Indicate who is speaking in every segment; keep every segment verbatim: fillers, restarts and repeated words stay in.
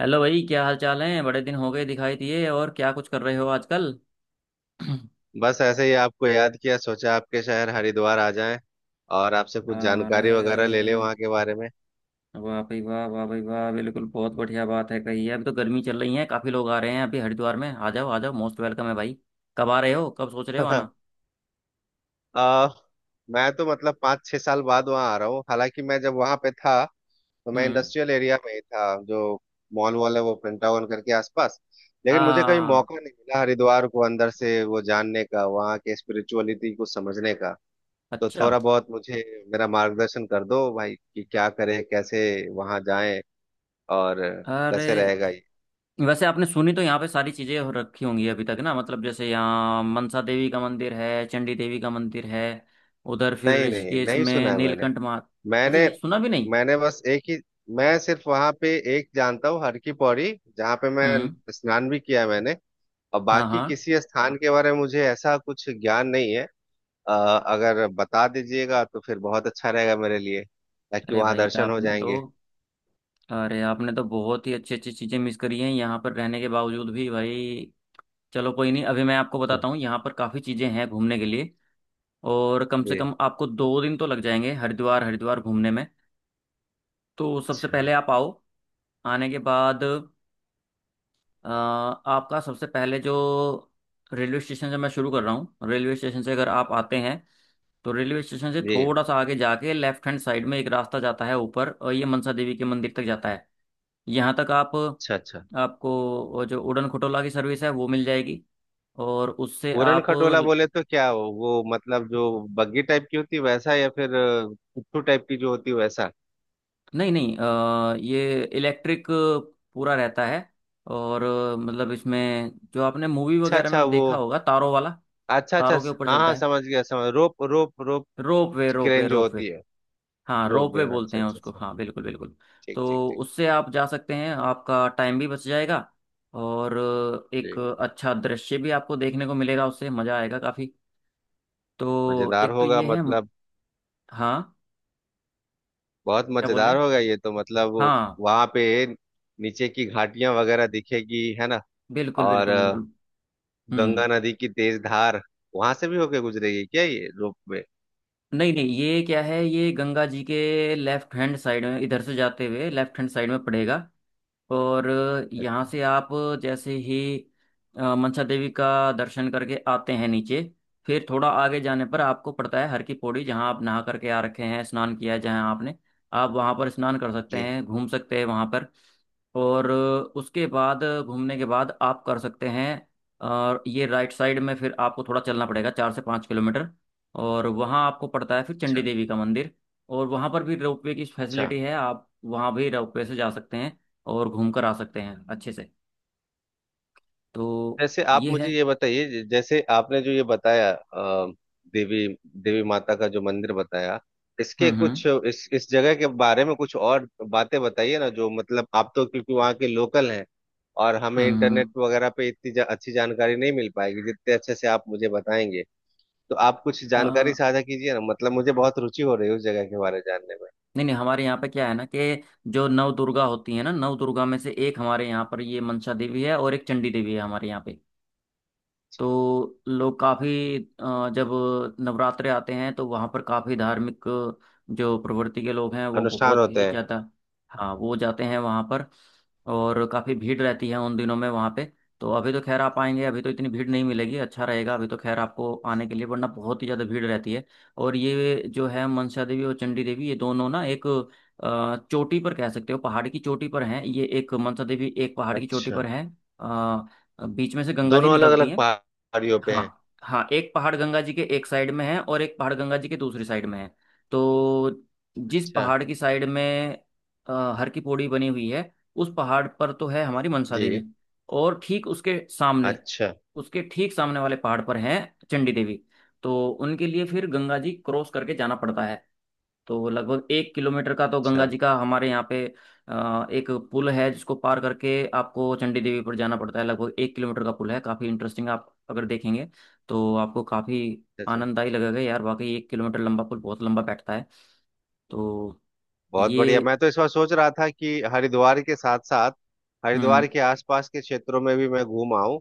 Speaker 1: Hello भाई, क्या हाल चाल है? बड़े दिन हो गए दिखाई दिए। और क्या कुछ कर रहे हो आजकल?
Speaker 2: बस ऐसे ही आपको याद किया, सोचा आपके शहर हरिद्वार आ जाएं और आपसे कुछ जानकारी वगैरह ले लें
Speaker 1: अरे
Speaker 2: वहाँ के बारे में।
Speaker 1: वाह भाई वाह, वाह भाई वाह! बिल्कुल, बहुत बढ़िया बात है कही है। अभी तो गर्मी चल रही है, काफी लोग आ रहे हैं अभी हरिद्वार में। आ जाओ आ जाओ, मोस्ट वेलकम है भाई। कब आ रहे हो, कब सोच रहे हो आना?
Speaker 2: आ, मैं तो मतलब पाँच छह साल बाद वहाँ आ रहा हूँ। हालांकि मैं जब वहाँ पे था तो मैं
Speaker 1: हम्म।
Speaker 2: इंडस्ट्रियल एरिया में ही था, जो मॉल वॉल है वो पेंटागन करके आसपास। लेकिन मुझे कभी
Speaker 1: हाँ।
Speaker 2: मौका नहीं मिला हरिद्वार को अंदर से वो जानने का, वहाँ के स्पिरिचुअलिटी को समझने का। तो
Speaker 1: अच्छा।
Speaker 2: थोड़ा बहुत मुझे मेरा मार्गदर्शन कर दो भाई कि क्या करें, कैसे वहाँ जाएं और
Speaker 1: अरे
Speaker 2: कैसे रहेगा।
Speaker 1: वैसे आपने सुनी तो यहाँ पे सारी चीजें हो रखी होंगी अभी तक ना, मतलब जैसे यहाँ मनसा देवी का मंदिर है, चंडी देवी का मंदिर है। उधर फिर
Speaker 2: नहीं नहीं
Speaker 1: ऋषिकेश
Speaker 2: नहीं, सुना
Speaker 1: में
Speaker 2: है मैंने।
Speaker 1: नीलकंठ महा अच्छा,
Speaker 2: मैंने
Speaker 1: ये सुना भी नहीं।
Speaker 2: मैंने बस एक ही मैं सिर्फ वहां पे एक जानता हूँ, हर की पौड़ी, जहाँ पे मैं
Speaker 1: हम्म।
Speaker 2: स्नान भी किया है मैंने। और
Speaker 1: हाँ
Speaker 2: बाकी
Speaker 1: हाँ।
Speaker 2: किसी स्थान के बारे में मुझे ऐसा कुछ ज्ञान नहीं है। अ, अगर बता दीजिएगा तो फिर बहुत अच्छा रहेगा मेरे लिए, ताकि
Speaker 1: अरे
Speaker 2: वहां
Speaker 1: भाई
Speaker 2: दर्शन हो
Speaker 1: आपने तो
Speaker 2: जाएंगे।
Speaker 1: अरे आपने तो बहुत ही अच्छी अच्छी चीज़ें मिस करी हैं यहाँ पर रहने के बावजूद भी भाई। चलो कोई नहीं, अभी मैं आपको
Speaker 2: अच्छा।
Speaker 1: बताता हूँ, यहाँ पर काफ़ी चीज़ें हैं घूमने के लिए। और कम से
Speaker 2: जी।
Speaker 1: कम आपको दो दिन तो लग जाएंगे हरिद्वार हरिद्वार घूमने में। तो सबसे
Speaker 2: अच्छा।
Speaker 1: पहले आप आओ। आने के बाद अ, आपका सबसे पहले जो रेलवे स्टेशन से मैं शुरू कर रहा हूँ, रेलवे स्टेशन से अगर आप आते हैं, तो रेलवे स्टेशन से
Speaker 2: जी।
Speaker 1: थोड़ा सा आगे जाके लेफ्ट हैंड साइड में एक रास्ता जाता है ऊपर, और ये मनसा देवी के मंदिर तक जाता है। यहाँ तक आप,
Speaker 2: अच्छा अच्छा।
Speaker 1: आपको वो जो उड़न खटोला की सर्विस है वो मिल जाएगी, और उससे
Speaker 2: पूरन
Speaker 1: आप,
Speaker 2: खटोला बोले तो क्या वो, वो मतलब जो बग्गी टाइप की होती है वैसा, या फिर अ, पुट्ठू टाइप की जो होती है वैसा?
Speaker 1: नहीं नहीं अ, ये इलेक्ट्रिक पूरा रहता है, और अ, मतलब इसमें जो आपने मूवी
Speaker 2: अच्छा
Speaker 1: वगैरह
Speaker 2: अच्छा,
Speaker 1: में
Speaker 2: वो
Speaker 1: देखा होगा तारों वाला,
Speaker 2: अच्छा अच्छा।
Speaker 1: तारों के ऊपर
Speaker 2: हाँ
Speaker 1: चलता
Speaker 2: हाँ,
Speaker 1: है।
Speaker 2: समझ गया, समझ rope rope rope.
Speaker 1: Rope way rope way
Speaker 2: crane जो
Speaker 1: रोप वे।
Speaker 2: होती है।
Speaker 1: हाँ
Speaker 2: रोप
Speaker 1: रोप
Speaker 2: वे।
Speaker 1: वे बोलते
Speaker 2: अच्छा
Speaker 1: हैं
Speaker 2: अच्छा
Speaker 1: उसको,
Speaker 2: अच्छा।
Speaker 1: हाँ बिल्कुल बिल्कुल।
Speaker 2: ठीक ठीक
Speaker 1: तो
Speaker 2: ठीक।
Speaker 1: उससे आप जा सकते हैं, आपका टाइम भी बच जाएगा और अ, एक
Speaker 2: जी।
Speaker 1: अच्छा दृश्य भी आपको देखने को मिलेगा, उससे मज़ा आएगा काफ़ी। तो
Speaker 2: मजेदार
Speaker 1: एक तो
Speaker 2: होगा
Speaker 1: ये है।
Speaker 2: मतलब,
Speaker 1: हाँ।
Speaker 2: बहुत
Speaker 1: क्या बोल
Speaker 2: मजेदार
Speaker 1: रहे।
Speaker 2: होगा ये तो मतलब।
Speaker 1: हाँ
Speaker 2: वहां पे नीचे की घाटियां वगैरह दिखेगी, है ना?
Speaker 1: बिल्कुल
Speaker 2: और
Speaker 1: बिल्कुल
Speaker 2: अ,
Speaker 1: बिल्कुल। हम्म।
Speaker 2: गंगा नदी की तेज धार वहां से भी होके गुजरेगी क्या ये रोप वे?
Speaker 1: नहीं नहीं, ये क्या है, ये गंगा जी के लेफ्ट हैंड साइड में, इधर से जाते हुए लेफ्ट हैंड साइड में पड़ेगा। और यहाँ
Speaker 2: अच्छा।
Speaker 1: से आप जैसे ही अ, मनसा देवी का दर्शन करके आते हैं नीचे, फिर थोड़ा आगे जाने पर आपको पड़ता है हर की पौड़ी, जहाँ आप नहा करके आ रखे हैं, स्नान किया है जहाँ आपने। आप वहाँ पर स्नान कर सकते
Speaker 2: जी।
Speaker 1: हैं, घूम सकते हैं वहाँ पर। और अ, उसके बाद अ, घूमने के बाद आप कर सकते हैं। और ये राइट साइड में फिर आपको थोड़ा चलना पड़ेगा, चार से पाँच किलोमीटर, और वहाँ आपको पड़ता है फिर चंडी
Speaker 2: अच्छा
Speaker 1: देवी का मंदिर। और वहाँ पर भी रोपवे की
Speaker 2: अच्छा।
Speaker 1: फैसिलिटी है, आप वहाँ भी रोपवे से जा सकते हैं और घूम कर आ सकते हैं अच्छे से। तो
Speaker 2: जैसे आप
Speaker 1: ये है।
Speaker 2: मुझे ये बताइए, ज- जैसे आपने जो ये बताया अ, देवी देवी माता का जो मंदिर बताया, इसके
Speaker 1: हम्म
Speaker 2: कुछ
Speaker 1: हम्म
Speaker 2: इस इस जगह के बारे में कुछ और बातें बताइए ना। जो मतलब आप तो क्योंकि वहाँ के लोकल हैं, और हमें
Speaker 1: हम्म।
Speaker 2: इंटरनेट
Speaker 1: हम्म।
Speaker 2: वगैरह पे इतनी जा, अच्छी जानकारी नहीं मिल पाएगी जितने अच्छे से आप मुझे बताएंगे। तो आप कुछ
Speaker 1: अ,
Speaker 2: जानकारी साझा कीजिए ना, मतलब मुझे बहुत रुचि हो रही है उस जगह के बारे में जानने में।
Speaker 1: नहीं नहीं, हमारे यहाँ पे क्या है ना, कि जो नव दुर्गा होती है ना, नव दुर्गा में से एक हमारे यहाँ पर ये मनसा देवी है, और एक चंडी देवी है हमारे यहाँ पे। तो लोग काफ़ी, जब नवरात्रे आते हैं तो वहाँ पर काफ़ी धार्मिक, जो प्रवृत्ति के लोग हैं वो
Speaker 2: अनुष्ठान
Speaker 1: बहुत ही
Speaker 2: होते हैं।
Speaker 1: ज़्यादा, हाँ वो जाते हैं वहाँ पर। और काफ़ी भीड़ रहती है उन दिनों में वहाँ पे। तो अभी तो खैर आप आएंगे, अभी तो इतनी भीड़ नहीं मिलेगी, अच्छा रहेगा अभी तो खैर आपको आने के लिए, वरना बहुत ही ज़्यादा भीड़ रहती है। और ये जो है मनसा देवी और चंडी देवी, ये दोनों ना एक अ, चोटी पर कह सकते हो, पहाड़ की चोटी पर हैं ये, एक मनसा देवी एक पहाड़ की चोटी
Speaker 2: अच्छा।
Speaker 1: पर है। अ, बीच में से गंगा जी
Speaker 2: दोनों अलग
Speaker 1: निकलती
Speaker 2: अलग
Speaker 1: हैं।
Speaker 2: पहाड़ियों पे
Speaker 1: हाँ
Speaker 2: हैं?
Speaker 1: हाँ, एक पहाड़ गंगा जी के एक साइड में है और एक पहाड़ गंगा जी के दूसरी साइड में है। तो जिस
Speaker 2: अच्छा।
Speaker 1: पहाड़ की साइड में अ, हर की पौड़ी बनी हुई है, उस पहाड़ पर तो है हमारी मनसा
Speaker 2: जी।
Speaker 1: देवी। और ठीक उसके सामने,
Speaker 2: अच्छा
Speaker 1: उसके ठीक सामने वाले पहाड़ पर हैं चंडी देवी। तो उनके लिए फिर गंगा जी क्रॉस करके जाना पड़ता है। तो लगभग एक किलोमीटर का तो गंगा
Speaker 2: अच्छा
Speaker 1: जी का हमारे यहाँ पे अ, एक पुल है, जिसको पार करके आपको चंडी देवी पर जाना पड़ता है। लगभग एक किलोमीटर का पुल है, काफ़ी इंटरेस्टिंग, आप अगर देखेंगे तो आपको काफ़ी
Speaker 2: अच्छा। अच्छा।
Speaker 1: आनंददायी लगेगा यार। वाकई एक किलोमीटर लंबा पुल बहुत लंबा बैठता है। तो
Speaker 2: बहुत बढ़िया।
Speaker 1: ये।
Speaker 2: मैं तो इस बार सोच रहा था कि हरिद्वार के साथ साथ हरिद्वार
Speaker 1: हम्म।
Speaker 2: के आसपास के क्षेत्रों में भी मैं घूम आऊं,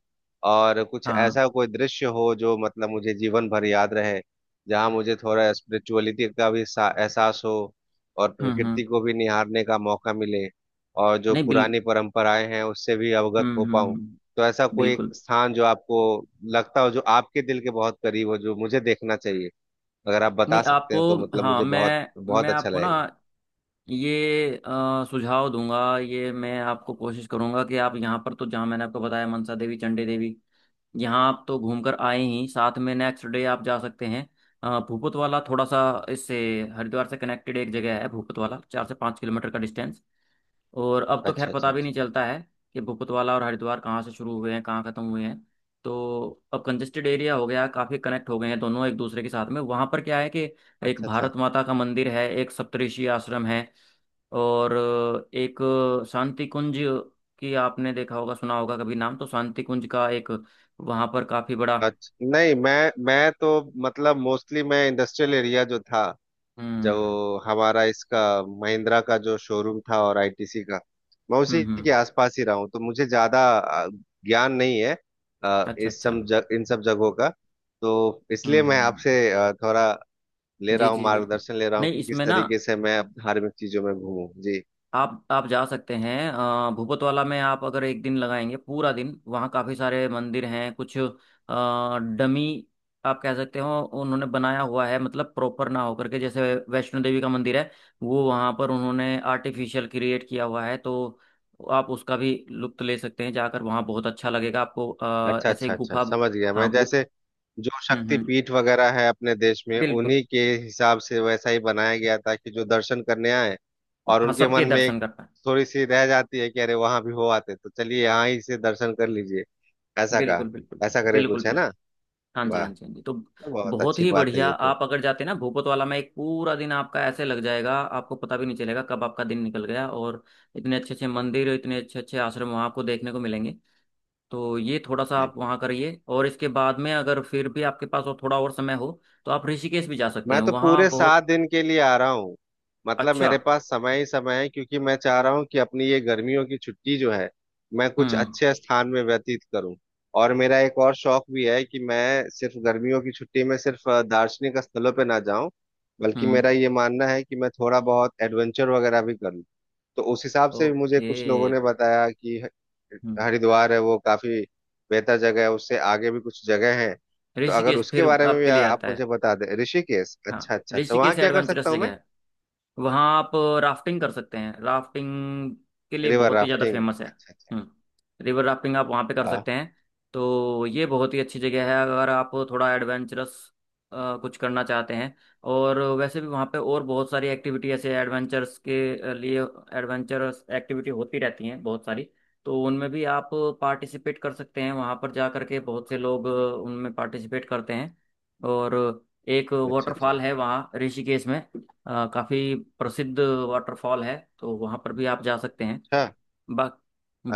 Speaker 2: और कुछ
Speaker 1: हाँ।
Speaker 2: ऐसा कोई दृश्य हो जो मतलब मुझे जीवन भर याद रहे, जहां मुझे थोड़ा स्पिरिचुअलिटी का भी सा- एहसास हो, और
Speaker 1: हम्म
Speaker 2: प्रकृति
Speaker 1: हम्म।
Speaker 2: को भी निहारने का मौका मिले, और जो
Speaker 1: नहीं बिल
Speaker 2: पुरानी परंपराएं हैं उससे भी अवगत
Speaker 1: हम्म
Speaker 2: हो
Speaker 1: हम्म
Speaker 2: पाऊं।
Speaker 1: हम्म,
Speaker 2: तो ऐसा कोई एक
Speaker 1: बिल्कुल।
Speaker 2: स्थान जो आपको लगता हो, जो आपके दिल के बहुत करीब हो, जो मुझे देखना चाहिए, अगर आप बता
Speaker 1: नहीं
Speaker 2: सकते
Speaker 1: आपको,
Speaker 2: हैं तो मतलब
Speaker 1: हाँ
Speaker 2: मुझे बहुत
Speaker 1: मैं
Speaker 2: बहुत
Speaker 1: मैं
Speaker 2: अच्छा
Speaker 1: आपको ना
Speaker 2: लगेगा।
Speaker 1: ये अ, सुझाव दूंगा, ये मैं आपको कोशिश करूंगा कि आप यहाँ पर तो जहाँ मैंने आपको बताया मनसा देवी चंडी देवी, यहाँ आप तो घूमकर आए ही, साथ में नेक्स्ट डे आप जा सकते हैं अ, भूपतवाला। थोड़ा सा इससे हरिद्वार से कनेक्टेड एक जगह है भूपतवाला, चार से पाँच किलोमीटर का डिस्टेंस। और अब तो खैर
Speaker 2: अच्छा अच्छा
Speaker 1: पता भी
Speaker 2: अच्छा।
Speaker 1: नहीं चलता है कि भूपतवाला और हरिद्वार कहाँ से शुरू हुए हैं, कहाँ ख़त्म हुए हैं। तो अब कंजेस्टेड एरिया हो गया, काफ़ी कनेक्ट हो गए हैं दोनों एक दूसरे के साथ में। वहाँ पर क्या है, कि एक
Speaker 2: अच्छा अच्छा
Speaker 1: भारत माता का मंदिर है, एक सप्तऋषि आश्रम है। और अ, एक शांति कुंज की आपने देखा होगा, सुना होगा कभी नाम तो, शांति कुंज का एक, वहां पर काफी बड़ा।
Speaker 2: अच्छा। नहीं, मैं मैं तो मतलब मोस्टली मैं इंडस्ट्रियल एरिया जो था, जो
Speaker 1: हम्म
Speaker 2: हमारा इसका महिंद्रा का जो शोरूम था और आई टी सी का, मैं उसी
Speaker 1: हम्म हम्म।
Speaker 2: के आसपास ही रहा हूँ। तो मुझे ज्यादा अ, ज्ञान नहीं है अ,
Speaker 1: अच्छा
Speaker 2: इस
Speaker 1: अच्छा।
Speaker 2: सब जग, इन सब जगहों का। तो इसलिए मैं
Speaker 1: हम्म।
Speaker 2: आपसे अ, थोड़ा ले रहा
Speaker 1: जी
Speaker 2: हूँ,
Speaker 1: जी बिल्कुल।
Speaker 2: मार्गदर्शन ले रहा हूँ
Speaker 1: नहीं
Speaker 2: कि किस
Speaker 1: इसमें ना
Speaker 2: तरीके से मैं अब धार्मिक चीजों में घूमूं जी।
Speaker 1: आप आप जा सकते हैं अ, भूपतवाला में। आप अगर एक दिन लगाएंगे पूरा दिन, वहाँ काफ़ी सारे मंदिर हैं। कुछ डमी आप कह सकते हो, उन्होंने बनाया हुआ है, मतलब प्रॉपर ना होकर के, जैसे वैष्णो देवी का मंदिर है, वो वहाँ पर उन्होंने आर्टिफिशियल क्रिएट किया हुआ है। तो आप उसका भी लुत्फ ले सकते हैं जाकर, वहाँ बहुत अच्छा लगेगा आपको, अ,
Speaker 2: अच्छा
Speaker 1: ऐसे ही
Speaker 2: अच्छा अच्छा
Speaker 1: गुफा।
Speaker 2: समझ गया मैं
Speaker 1: हाँ गु
Speaker 2: जैसे जो
Speaker 1: हम्म हम्म
Speaker 2: शक्तिपीठ वगैरह है अपने देश में
Speaker 1: बिल्कुल।
Speaker 2: उन्हीं के हिसाब से वैसा ही बनाया गया था कि जो दर्शन करने आए और
Speaker 1: हाँ
Speaker 2: उनके
Speaker 1: सबके
Speaker 2: मन में एक
Speaker 1: दर्शन करना है,
Speaker 2: थोड़ी सी रह जाती है कि अरे वहां भी हो आते तो चलिए यहाँ ही से दर्शन कर लीजिए ऐसा कहा
Speaker 1: बिल्कुल बिल्कुल
Speaker 2: ऐसा करके
Speaker 1: बिल्कुल
Speaker 2: कुछ है ना
Speaker 1: बिल्कुल। हाँ जी,
Speaker 2: वाह
Speaker 1: हाँ जी, हाँ जी, तो
Speaker 2: बहुत
Speaker 1: बहुत
Speaker 2: अच्छी
Speaker 1: ही
Speaker 2: बात है
Speaker 1: बढ़िया।
Speaker 2: ये तो
Speaker 1: आप अगर जाते ना भूपत वाला में, एक पूरा दिन आपका ऐसे लग जाएगा, आपको पता भी नहीं चलेगा कब आपका दिन निकल गया। और इतने अच्छे अच्छे मंदिर, इतने अच्छे अच्छे आश्रम वहाँ आपको देखने को मिलेंगे। तो ये थोड़ा सा आप वहाँ करिए, और इसके बाद में अगर फिर भी आपके पास और थोड़ा और समय हो, तो आप ऋषिकेश भी जा सकते
Speaker 2: मैं
Speaker 1: हैं,
Speaker 2: तो
Speaker 1: वहाँ
Speaker 2: पूरे
Speaker 1: बहुत
Speaker 2: सात दिन के लिए आ रहा हूँ मतलब
Speaker 1: अच्छा।
Speaker 2: मेरे पास समय ही समय है क्योंकि मैं चाह रहा हूँ कि अपनी ये गर्मियों की छुट्टी जो है मैं कुछ
Speaker 1: हम्म
Speaker 2: अच्छे स्थान में व्यतीत करूँ और मेरा एक और शौक भी है कि मैं सिर्फ गर्मियों की छुट्टी में सिर्फ अ, दार्शनिक स्थलों पे ना जाऊं बल्कि मेरा
Speaker 1: हम्म।
Speaker 2: ये मानना है कि मैं थोड़ा बहुत एडवेंचर वगैरह भी करूँ तो उस हिसाब से भी मुझे
Speaker 1: ओके।
Speaker 2: कुछ लोगों ने बताया कि ह-
Speaker 1: हम्म।
Speaker 2: हरिद्वार है वो काफी बेहतर जगह है उससे आगे भी कुछ जगह है तो अगर
Speaker 1: ऋषिकेश
Speaker 2: उसके
Speaker 1: फिर
Speaker 2: बारे में भी
Speaker 1: आपके
Speaker 2: आ-
Speaker 1: लिए
Speaker 2: आप
Speaker 1: आता
Speaker 2: मुझे
Speaker 1: है।
Speaker 2: बता दें ऋषिकेश
Speaker 1: हाँ
Speaker 2: अच्छा अच्छा अच्छा वहाँ
Speaker 1: ऋषिकेश
Speaker 2: क्या कर
Speaker 1: एडवेंचरस
Speaker 2: सकता हूँ
Speaker 1: जगह
Speaker 2: मैं
Speaker 1: है, वहाँ आप राफ्टिंग कर सकते हैं, राफ्टिंग के लिए
Speaker 2: रिवर
Speaker 1: बहुत ही ज़्यादा
Speaker 2: राफ्टिंग
Speaker 1: फेमस है।
Speaker 2: अच्छा अच्छा
Speaker 1: हम्म, रिवर राफ्टिंग आप वहाँ पे कर
Speaker 2: वाह
Speaker 1: सकते हैं। तो ये बहुत ही अच्छी जगह है अगर आप थोड़ा एडवेंचरस कुछ करना चाहते हैं। और वैसे भी वहाँ पे और बहुत सारी एक्टिविटी ऐसे एडवेंचर्स के लिए, एडवेंचरस एक्टिविटी होती रहती हैं बहुत सारी। तो उनमें भी आप पार्टिसिपेट कर सकते हैं वहाँ पर जा करके, बहुत से लोग उनमें पार्टिसिपेट करते हैं। और एक
Speaker 2: अच्छा अच्छा
Speaker 1: वाटरफॉल है वहाँ ऋषिकेश में, अ, काफ़ी प्रसिद्ध वाटरफॉल है, तो वहाँ पर भी आप जा सकते हैं।
Speaker 2: अच्छा
Speaker 1: बा,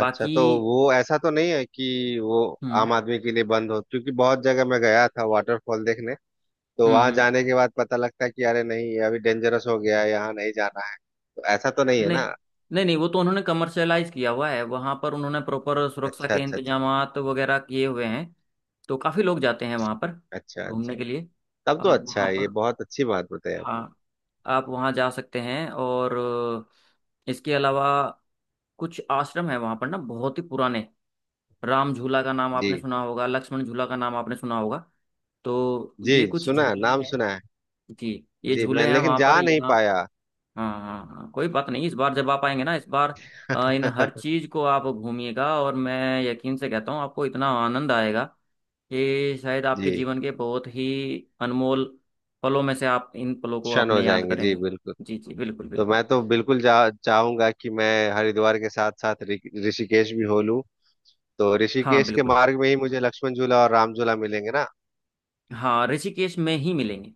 Speaker 2: अच्छा तो वो ऐसा तो नहीं है कि वो आम
Speaker 1: हम्म
Speaker 2: आदमी के लिए बंद हो क्योंकि बहुत जगह मैं गया था वाटरफॉल देखने तो
Speaker 1: हम्म
Speaker 2: वहां
Speaker 1: हम्म।
Speaker 2: जाने के बाद पता लगता है कि अरे नहीं ये अभी डेंजरस हो गया है यहाँ नहीं जाना है तो ऐसा तो नहीं है
Speaker 1: नहीं
Speaker 2: ना
Speaker 1: नहीं नहीं, वो तो उन्होंने कमर्शलाइज किया हुआ है वहाँ पर, उन्होंने प्रॉपर सुरक्षा
Speaker 2: अच्छा
Speaker 1: के
Speaker 2: अच्छा अच्छा
Speaker 1: इंतजामात वगैरह किए हुए हैं। तो काफ़ी लोग जाते हैं वहाँ पर
Speaker 2: अच्छा अच्छा
Speaker 1: घूमने के लिए।
Speaker 2: तब तो
Speaker 1: आप
Speaker 2: अच्छा
Speaker 1: वहाँ
Speaker 2: है ये
Speaker 1: पर,
Speaker 2: बहुत अच्छी बात बताई आपने
Speaker 1: हाँ, आप वहाँ जा सकते हैं। और अ, इसके अलावा कुछ आश्रम है वहाँ पर ना बहुत ही पुराने। राम झूला का नाम आपने
Speaker 2: जी
Speaker 1: सुना होगा, लक्ष्मण झूला का नाम आपने सुना होगा। तो
Speaker 2: जी।
Speaker 1: ये कुछ
Speaker 2: सुना है,
Speaker 1: झूले
Speaker 2: नाम
Speaker 1: हैं।
Speaker 2: सुना है।
Speaker 1: जी, ये
Speaker 2: जी।
Speaker 1: झूले
Speaker 2: मैं
Speaker 1: हैं
Speaker 2: लेकिन
Speaker 1: वहां पर
Speaker 2: जा नहीं
Speaker 1: यहाँ।
Speaker 2: पाया।
Speaker 1: हाँ हाँ हाँ, कोई बात नहीं, इस बार जब आप आएंगे ना, इस बार अ, इन हर चीज को आप घूमिएगा। और मैं यकीन से कहता हूँ आपको इतना आनंद आएगा, कि शायद आपके
Speaker 2: जी।
Speaker 1: जीवन के बहुत ही अनमोल पलों में से आप इन पलों को
Speaker 2: शन हो
Speaker 1: अपने याद
Speaker 2: जाएंगे जी,
Speaker 1: करेंगे।
Speaker 2: बिल्कुल।
Speaker 1: जी जी बिल्कुल
Speaker 2: तो
Speaker 1: बिल्कुल।
Speaker 2: मैं तो बिल्कुल जा, चाहूंगा कि मैं हरिद्वार के साथ साथ ऋ- ऋषिकेश भी हो लूं। तो
Speaker 1: हाँ
Speaker 2: ऋषिकेश के
Speaker 1: बिल्कुल,
Speaker 2: मार्ग में ही मुझे लक्ष्मण झूला और राम झूला मिलेंगे ना?
Speaker 1: हाँ ऋषिकेश में ही मिलेंगे,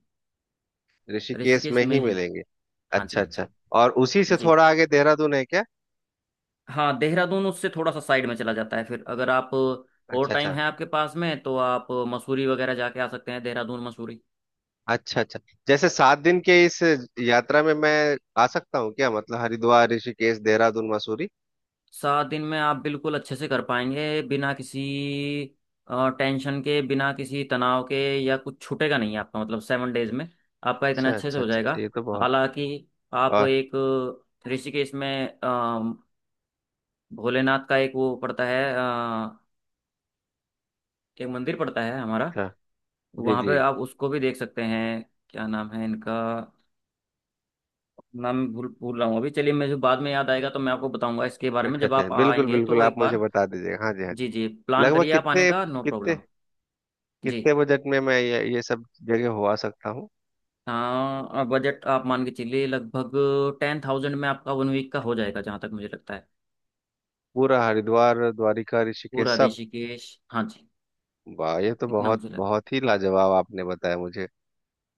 Speaker 2: ऋषिकेश
Speaker 1: ऋषिकेश
Speaker 2: में
Speaker 1: में
Speaker 2: ही
Speaker 1: ही।
Speaker 2: मिलेंगे।
Speaker 1: हाँ जी,
Speaker 2: अच्छा
Speaker 1: हाँ
Speaker 2: अच्छा।
Speaker 1: जी।
Speaker 2: और उसी से
Speaker 1: जी।
Speaker 2: थोड़ा आगे देहरादून है क्या?
Speaker 1: हाँ देहरादून उससे थोड़ा सा साइड में चला जाता है, फिर अगर आप, और
Speaker 2: अच्छा
Speaker 1: टाइम
Speaker 2: अच्छा।
Speaker 1: है आपके पास में, तो आप मसूरी वगैरह जाके आ सकते हैं, देहरादून मसूरी।
Speaker 2: अच्छा अच्छा। जैसे सात दिन के इस यात्रा में मैं आ सकता हूँ क्या, मतलब हरिद्वार, ऋषिकेश, देहरादून, मसूरी?
Speaker 1: सात दिन में आप बिल्कुल अच्छे से कर पाएंगे, बिना किसी टेंशन के, बिना किसी तनाव के, या कुछ छूटेगा नहीं आपका, मतलब सेवन डेज में आपका इतना
Speaker 2: अच्छा
Speaker 1: अच्छे से
Speaker 2: अच्छा
Speaker 1: हो
Speaker 2: अच्छा।
Speaker 1: जाएगा।
Speaker 2: अच्छा, ये तो बहुत।
Speaker 1: हालांकि आप
Speaker 2: और?
Speaker 1: एक ऋषिकेश में अ, भोलेनाथ का एक वो पड़ता है, अ, एक मंदिर पड़ता है हमारा,
Speaker 2: अच्छा। जी
Speaker 1: वहाँ
Speaker 2: जी।
Speaker 1: पे आप उसको भी देख सकते हैं। क्या नाम है इनका, नाम भूल भूल रहा हूँ अभी, चलिए मुझे बाद में याद आएगा तो मैं आपको बताऊंगा इसके बारे में,
Speaker 2: अच्छा
Speaker 1: जब
Speaker 2: अच्छा,
Speaker 1: आप
Speaker 2: बिल्कुल
Speaker 1: आएंगे तो
Speaker 2: बिल्कुल,
Speaker 1: एक
Speaker 2: आप मुझे
Speaker 1: बार।
Speaker 2: बता दीजिएगा। हाँ जी, हाँ जी।
Speaker 1: जी जी, प्लान
Speaker 2: लगभग
Speaker 1: करिए आप आने
Speaker 2: कितने,
Speaker 1: का, नो
Speaker 2: कितने
Speaker 1: प्रॉब्लम। जी,
Speaker 2: कितने बजट में मैं ये, ये सब जगह हो आ सकता हूँ?
Speaker 1: हाँ बजट आप मान के चलिए लगभग टेन थाउजेंड में आपका वन वीक का हो जाएगा, जहाँ तक मुझे लगता है।
Speaker 2: पूरा हरिद्वार, द्वारिका,
Speaker 1: पूरा
Speaker 2: ऋषिकेश, सब?
Speaker 1: ऋषिकेश, हाँ जी।
Speaker 2: वाह, ये तो
Speaker 1: इतना
Speaker 2: बहुत
Speaker 1: मुझे लगता
Speaker 2: बहुत ही लाजवाब आपने बताया मुझे।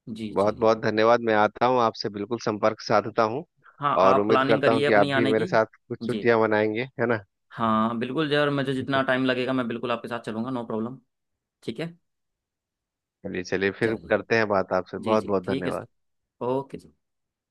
Speaker 1: है, जी जी
Speaker 2: बहुत
Speaker 1: जी।
Speaker 2: बहुत धन्यवाद। मैं आता हूँ आपसे, बिल्कुल संपर्क साधता हूँ।
Speaker 1: हाँ
Speaker 2: और
Speaker 1: आप
Speaker 2: उम्मीद
Speaker 1: प्लानिंग
Speaker 2: करता हूँ
Speaker 1: करिए
Speaker 2: कि आप
Speaker 1: अपनी
Speaker 2: भी
Speaker 1: आने
Speaker 2: मेरे
Speaker 1: की।
Speaker 2: साथ कुछ
Speaker 1: जी
Speaker 2: छुट्टियां मनाएंगे, है ना?
Speaker 1: हाँ बिल्कुल जी, और मुझे जितना टाइम लगेगा मैं बिल्कुल आपके साथ चलूंगा, नो प्रॉब्लम। ठीक है।
Speaker 2: चलिए चलिए, फिर
Speaker 1: चलिए।
Speaker 2: करते हैं बात आपसे।
Speaker 1: जी
Speaker 2: बहुत
Speaker 1: जी
Speaker 2: बहुत
Speaker 1: ठीक है सर।
Speaker 2: धन्यवाद।
Speaker 1: ओके जी।